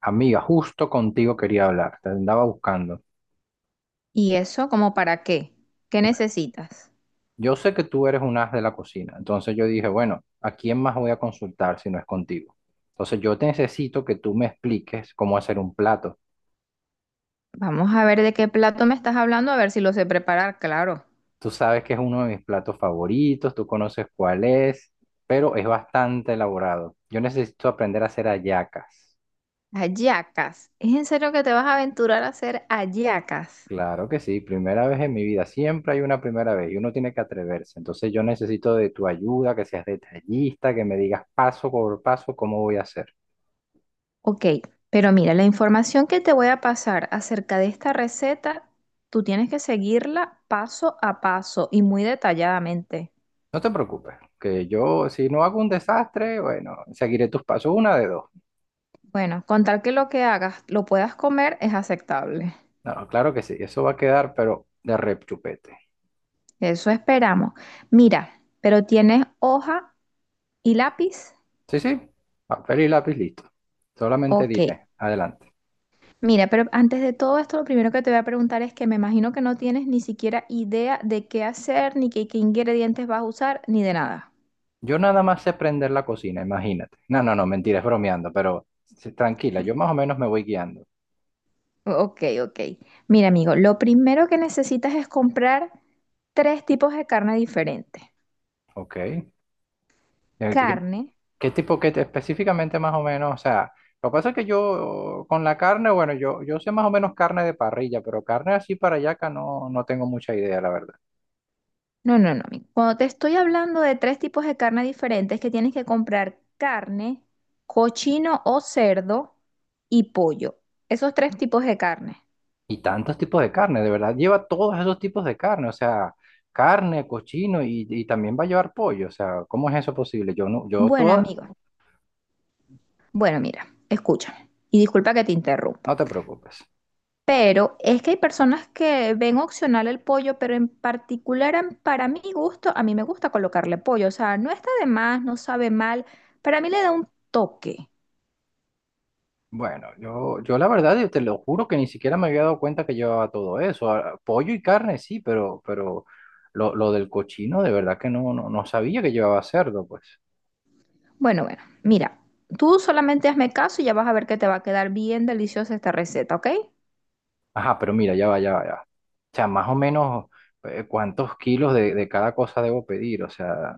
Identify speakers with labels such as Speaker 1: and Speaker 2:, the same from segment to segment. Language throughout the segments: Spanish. Speaker 1: Amiga, justo contigo quería hablar, te andaba buscando.
Speaker 2: ¿Y eso como para qué? ¿Qué
Speaker 1: Bueno,
Speaker 2: necesitas?
Speaker 1: yo sé que tú eres un as de la cocina, entonces yo dije, bueno, ¿a quién más voy a consultar si no es contigo? Entonces yo te necesito que tú me expliques cómo hacer un plato.
Speaker 2: Vamos a ver de qué plato me estás hablando, a ver si lo sé preparar, claro.
Speaker 1: Tú sabes que es uno de mis platos favoritos, tú conoces cuál es, pero es bastante elaborado. Yo necesito aprender a hacer hallacas.
Speaker 2: Hallacas. ¿Es en serio que te vas a aventurar a hacer hallacas?
Speaker 1: Claro que sí, primera vez en mi vida, siempre hay una primera vez y uno tiene que atreverse. Entonces yo necesito de tu ayuda, que seas detallista, que me digas paso por paso cómo voy a hacer.
Speaker 2: Ok, pero mira, la información que te voy a pasar acerca de esta receta, tú tienes que seguirla paso a paso y muy detalladamente.
Speaker 1: No te preocupes, que yo si no hago un desastre, bueno, seguiré tus pasos, una de dos.
Speaker 2: Bueno, con tal que lo que hagas lo puedas comer es aceptable.
Speaker 1: No, no, claro que sí, eso va a quedar, pero de rechupete.
Speaker 2: Eso esperamos. Mira, pero ¿tienes hoja y lápiz?
Speaker 1: Sí, sí, papel y lápiz listo. Solamente
Speaker 2: Ok.
Speaker 1: dime, adelante.
Speaker 2: Mira, pero antes de todo esto, lo primero que te voy a preguntar es que me imagino que no tienes ni siquiera idea de qué hacer, ni qué ingredientes vas a usar, ni de nada.
Speaker 1: Yo nada más sé prender la cocina, imagínate. No, no, no, mentira, es bromeando, pero sí, tranquila, yo más o menos me voy guiando.
Speaker 2: Ok, ok. Mira, amigo, lo primero que necesitas es comprar tres tipos de carne diferentes.
Speaker 1: Ok. Eh,
Speaker 2: Carne,
Speaker 1: ¿Qué tipo, específicamente más o menos? O sea, lo que pasa es que yo con la carne, bueno, yo sé más o menos carne de parrilla, pero carne así para acá no tengo mucha idea, la verdad.
Speaker 2: no, no, no, amigo. Cuando te estoy hablando de tres tipos de carne diferentes, que tienes que comprar carne, cochino o cerdo y pollo. Esos tres tipos de carne.
Speaker 1: Y tantos tipos de carne, de verdad, lleva todos esos tipos de carne, o sea, carne, cochino y también va a llevar pollo, o sea, ¿cómo es eso posible? Yo no, yo
Speaker 2: Bueno,
Speaker 1: toda,
Speaker 2: amigo. Bueno, mira, escúchame y disculpa que te
Speaker 1: no
Speaker 2: interrumpa,
Speaker 1: te preocupes.
Speaker 2: pero es que hay personas que ven opcional el pollo, pero en particular para mi gusto, a mí me gusta colocarle pollo, o sea, no está de más, no sabe mal, para mí le da un toque.
Speaker 1: Bueno, yo la verdad, yo te lo juro que ni siquiera me había dado cuenta que llevaba todo eso. Ah, pollo y carne sí, pero lo del cochino de verdad que no sabía que llevaba cerdo, pues.
Speaker 2: Bueno, bueno, mira, tú solamente hazme caso y ya vas a ver que te va a quedar bien deliciosa esta receta, ¿ok?
Speaker 1: Ajá, pero mira, ya va, ya va, ya va. O sea, más o menos cuántos kilos de cada cosa debo pedir, o sea,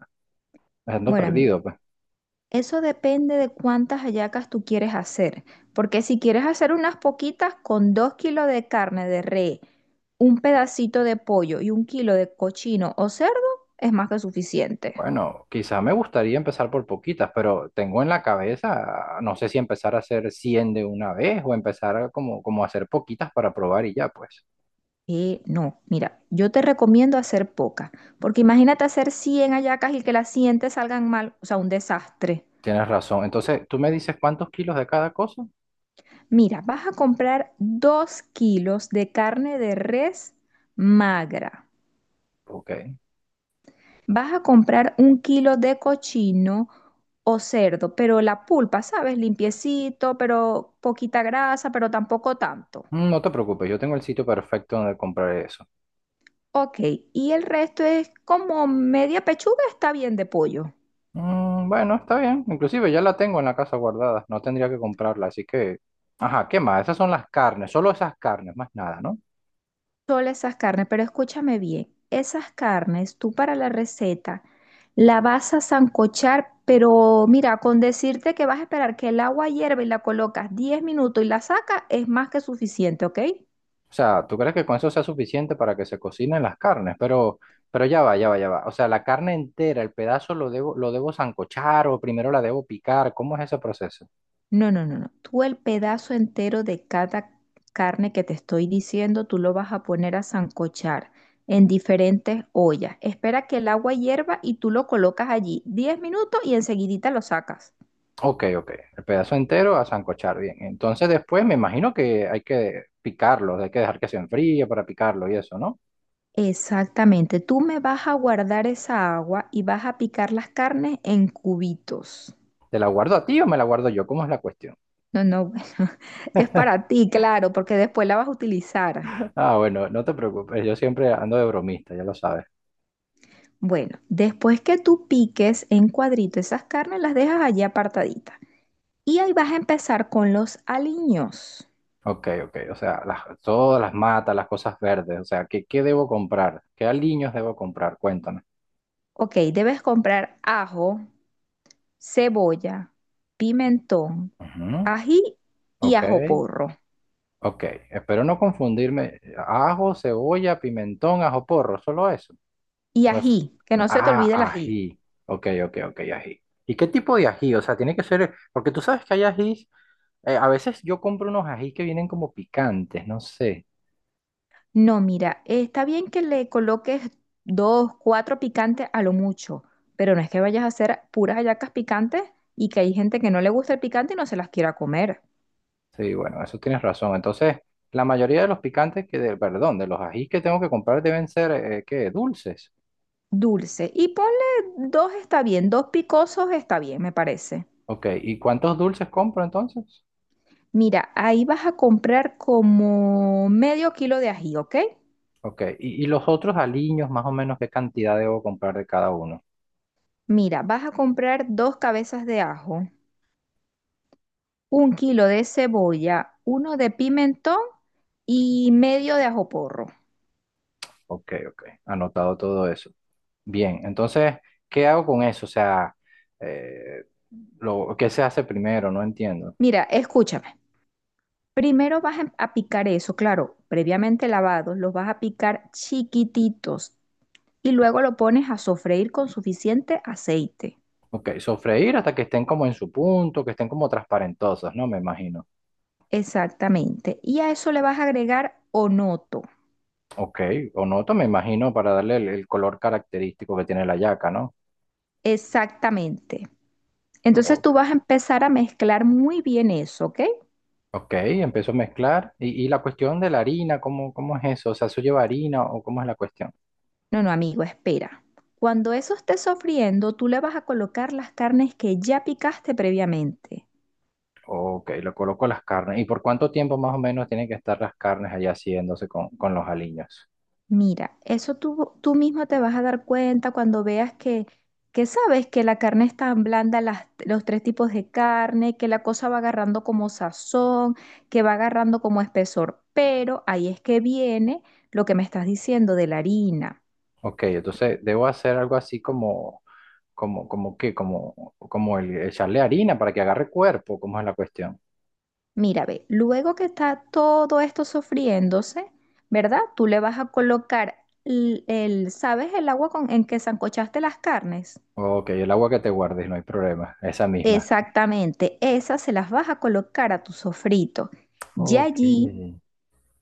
Speaker 1: ando
Speaker 2: Bueno, amigo.
Speaker 1: perdido, pues.
Speaker 2: Eso depende de cuántas hallacas tú quieres hacer, porque si quieres hacer unas poquitas con 2 kilos de carne de res, un pedacito de pollo y 1 kilo de cochino o cerdo, es más que suficiente.
Speaker 1: Bueno, quizá me gustaría empezar por poquitas, pero tengo en la cabeza, no sé si empezar a hacer 100 de una vez o empezar a como hacer poquitas para probar y ya, pues.
Speaker 2: No, mira, yo te recomiendo hacer pocas, porque imagínate hacer 100 hallacas y que las 100 te salgan mal, o sea, un desastre.
Speaker 1: Tienes razón. Entonces, ¿tú me dices cuántos kilos de cada cosa?
Speaker 2: Mira, vas a comprar 2 kilos de carne de res magra.
Speaker 1: Ok.
Speaker 2: Vas a comprar 1 kilo de cochino o cerdo, pero la pulpa, ¿sabes? Limpiecito, pero poquita grasa, pero tampoco tanto.
Speaker 1: Mm, no te preocupes, yo tengo el sitio perfecto donde comprar eso.
Speaker 2: Ok, y el resto es como media pechuga, está bien de pollo.
Speaker 1: Mm, bueno, está bien. Inclusive ya la tengo en la casa guardada. No tendría que comprarla, así que. Ajá, ¿qué más? Esas son las carnes, solo esas carnes, más nada, ¿no?
Speaker 2: Solo esas carnes, pero escúchame bien, esas carnes tú para la receta la vas a sancochar, pero mira, con decirte que vas a esperar que el agua hierva y la colocas 10 minutos y la sacas es más que suficiente, ¿ok?
Speaker 1: O sea, ¿tú crees que con eso sea suficiente para que se cocinen las carnes? Pero ya va, ya va, ya va. O sea, la carne entera, el pedazo lo debo sancochar o primero la debo picar. ¿Cómo es ese proceso?
Speaker 2: No, no, no, no. Tú el pedazo entero de cada carne que te estoy diciendo, tú lo vas a poner a sancochar en diferentes ollas. Espera que el agua hierva y tú lo colocas allí 10 minutos y enseguidita lo sacas.
Speaker 1: Ok, ok. El pedazo entero a sancochar, bien. Entonces después me imagino que hay que picarlo, hay que dejar que se enfríe para picarlo y eso, ¿no?
Speaker 2: Exactamente. Tú me vas a guardar esa agua y vas a picar las carnes en cubitos.
Speaker 1: ¿Te la guardo a ti o me la guardo yo? ¿Cómo es la cuestión?
Speaker 2: No, no, bueno, es para ti, claro, porque después la vas a utilizar.
Speaker 1: Ah, bueno, no te preocupes, yo siempre ando de bromista, ya lo sabes.
Speaker 2: Bueno, después que tú piques en cuadrito esas carnes, las dejas allí apartaditas. Y ahí vas a empezar con los aliños.
Speaker 1: Ok, ok, o sea, todas las matas, las cosas verdes, o sea, ¿qué debo comprar? ¿Qué aliños debo comprar? Cuéntame.
Speaker 2: Ok, debes comprar ajo, cebolla, pimentón,
Speaker 1: Ujú.
Speaker 2: ají y
Speaker 1: Ok,
Speaker 2: ajo porro.
Speaker 1: ok, espero no confundirme. Ajo, cebolla, pimentón, ajo porro, solo eso.
Speaker 2: Y
Speaker 1: Me f-
Speaker 2: ají, que no se te olvide el
Speaker 1: Ah,
Speaker 2: ají.
Speaker 1: ají. Ok, ok, ok, ají. ¿Y qué tipo de ají? O sea, tiene que ser, porque tú sabes que hay ajís, a veces yo compro unos ají que vienen como picantes, no sé.
Speaker 2: No, mira, está bien que le coloques dos, cuatro picantes a lo mucho, pero no es que vayas a hacer puras hallacas picantes y que hay gente que no le gusta el picante y no se las quiera comer.
Speaker 1: Sí, bueno, eso tienes razón. Entonces, la mayoría de los picantes que, de, perdón, de los ají que tengo que comprar deben ser, ¿qué? Dulces.
Speaker 2: Dulce. Y ponle dos está bien, dos picosos está bien, me parece.
Speaker 1: Ok, ¿y cuántos dulces compro entonces?
Speaker 2: Mira, ahí vas a comprar como 1/2 kilo de ají, ¿ok?
Speaker 1: Ok, ¿y los otros aliños, más o menos, qué cantidad debo comprar de cada uno?
Speaker 2: Mira, vas a comprar dos cabezas de ajo, 1 kilo de cebolla, uno de pimentón y medio de ajo porro.
Speaker 1: Ok, ok. Anotado todo eso. Bien, entonces, ¿qué hago con eso? O sea, eh, ¿qué se hace primero? No entiendo.
Speaker 2: Mira, escúchame. Primero vas a picar eso, claro, previamente lavados, los vas a picar chiquititos y luego lo pones a sofreír con suficiente aceite.
Speaker 1: Ok, sofreír hasta que estén como en su punto, que estén como transparentosas, ¿no? Me imagino.
Speaker 2: Exactamente. Y a eso le vas a agregar onoto.
Speaker 1: Ok, o noto, me imagino, para darle el color característico que tiene la yaca, ¿no?
Speaker 2: Exactamente. Entonces tú
Speaker 1: Ok,
Speaker 2: vas a empezar a mezclar muy bien eso, ¿ok?
Speaker 1: ok, empiezo a mezclar. Y la cuestión de la harina, ¿cómo es eso? O sea, ¿eso lleva harina o cómo es la cuestión?
Speaker 2: No, no, amigo, espera. Cuando eso esté sofriendo, tú le vas a colocar las carnes que ya picaste previamente.
Speaker 1: Ok, lo coloco las carnes. ¿Y por cuánto tiempo más o menos tienen que estar las carnes allá haciéndose con los aliños?
Speaker 2: Mira, eso tú mismo te vas a dar cuenta cuando veas que sabes que la carne está blanda, los tres tipos de carne, que la cosa va agarrando como sazón, que va agarrando como espesor. Pero ahí es que viene lo que me estás diciendo de la harina.
Speaker 1: Ok, entonces debo hacer algo así como qué, como el echarle harina para que agarre cuerpo, ¿cómo es la cuestión?
Speaker 2: Mira, ve, luego que está todo esto sofriéndose, ¿verdad? Tú le vas a colocar el, ¿sabes el agua con, en que sancochaste las carnes?
Speaker 1: Ok, el agua que te guardes, no hay problema, esa misma.
Speaker 2: Exactamente, esas se las vas a colocar a tu sofrito. Y
Speaker 1: Ok.
Speaker 2: allí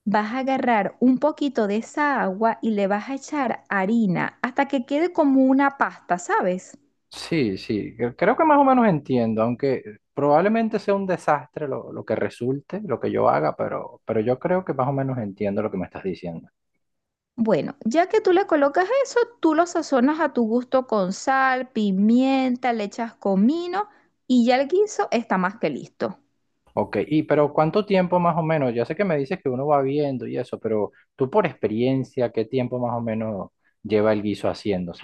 Speaker 2: vas a agarrar un poquito de esa agua y le vas a echar harina hasta que quede como una pasta, ¿sabes?
Speaker 1: Sí, sí, creo que más o menos entiendo, aunque probablemente sea un desastre lo que resulte, lo que yo haga, pero yo creo que más o menos entiendo lo que me estás diciendo.
Speaker 2: Bueno, ya que tú le colocas eso, tú lo sazonas a tu gusto con sal, pimienta, le echas comino y ya el guiso está más que listo.
Speaker 1: Ok, y pero ¿cuánto tiempo más o menos? Ya sé que me dices que uno va viendo y eso, pero tú por experiencia, ¿qué tiempo más o menos lleva el guiso haciéndose?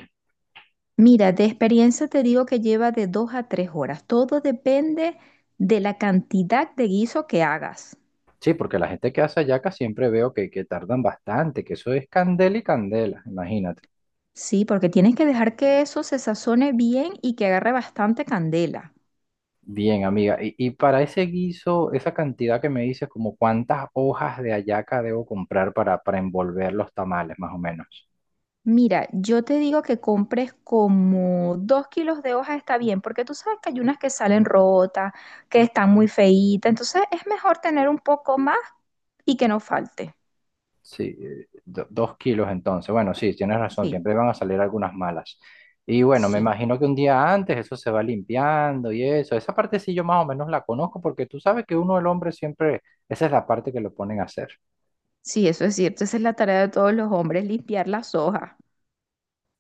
Speaker 2: Mira, de experiencia te digo que lleva de 2 a 3 horas. Todo depende de la cantidad de guiso que hagas.
Speaker 1: Sí, porque la gente que hace hallaca siempre veo que tardan bastante, que eso es candela y candela, imagínate.
Speaker 2: Sí, porque tienes que dejar que eso se sazone bien y que agarre bastante candela.
Speaker 1: Bien, amiga, y para ese guiso, esa cantidad que me dices, como cuántas hojas de hallaca debo comprar para envolver los tamales, más o menos.
Speaker 2: Mira, yo te digo que compres como 2 kilos de hojas está bien, porque tú sabes que hay unas que salen rotas, que están muy feitas, entonces es mejor tener un poco más y que no falte.
Speaker 1: Sí, dos kilos entonces. Bueno, sí, tienes razón,
Speaker 2: Sí,
Speaker 1: siempre van a salir algunas malas. Y bueno, me
Speaker 2: sí,
Speaker 1: imagino que un día antes eso se va limpiando y eso. Esa parte sí yo más o menos la conozco porque tú sabes que uno, el hombre, siempre, esa es la parte que lo ponen a hacer.
Speaker 2: sí, eso es cierto, esa es la tarea de todos los hombres, limpiar las hojas.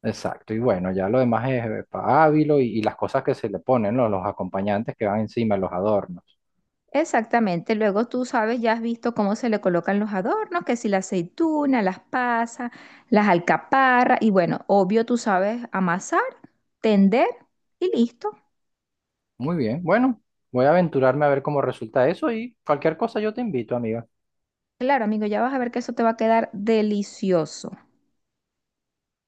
Speaker 1: Exacto. Y bueno, ya lo demás es pa' Ávilo y las cosas que se le ponen, ¿no? Los acompañantes que van encima, los adornos.
Speaker 2: Exactamente, luego tú sabes, ya has visto cómo se le colocan los adornos, que si la aceituna, las pasas, las alcaparras, y bueno, obvio tú sabes amasar, tender y listo.
Speaker 1: Muy bien, bueno, voy a aventurarme a ver cómo resulta eso y cualquier cosa yo te invito, amiga.
Speaker 2: Claro, amigo, ya vas a ver que eso te va a quedar delicioso.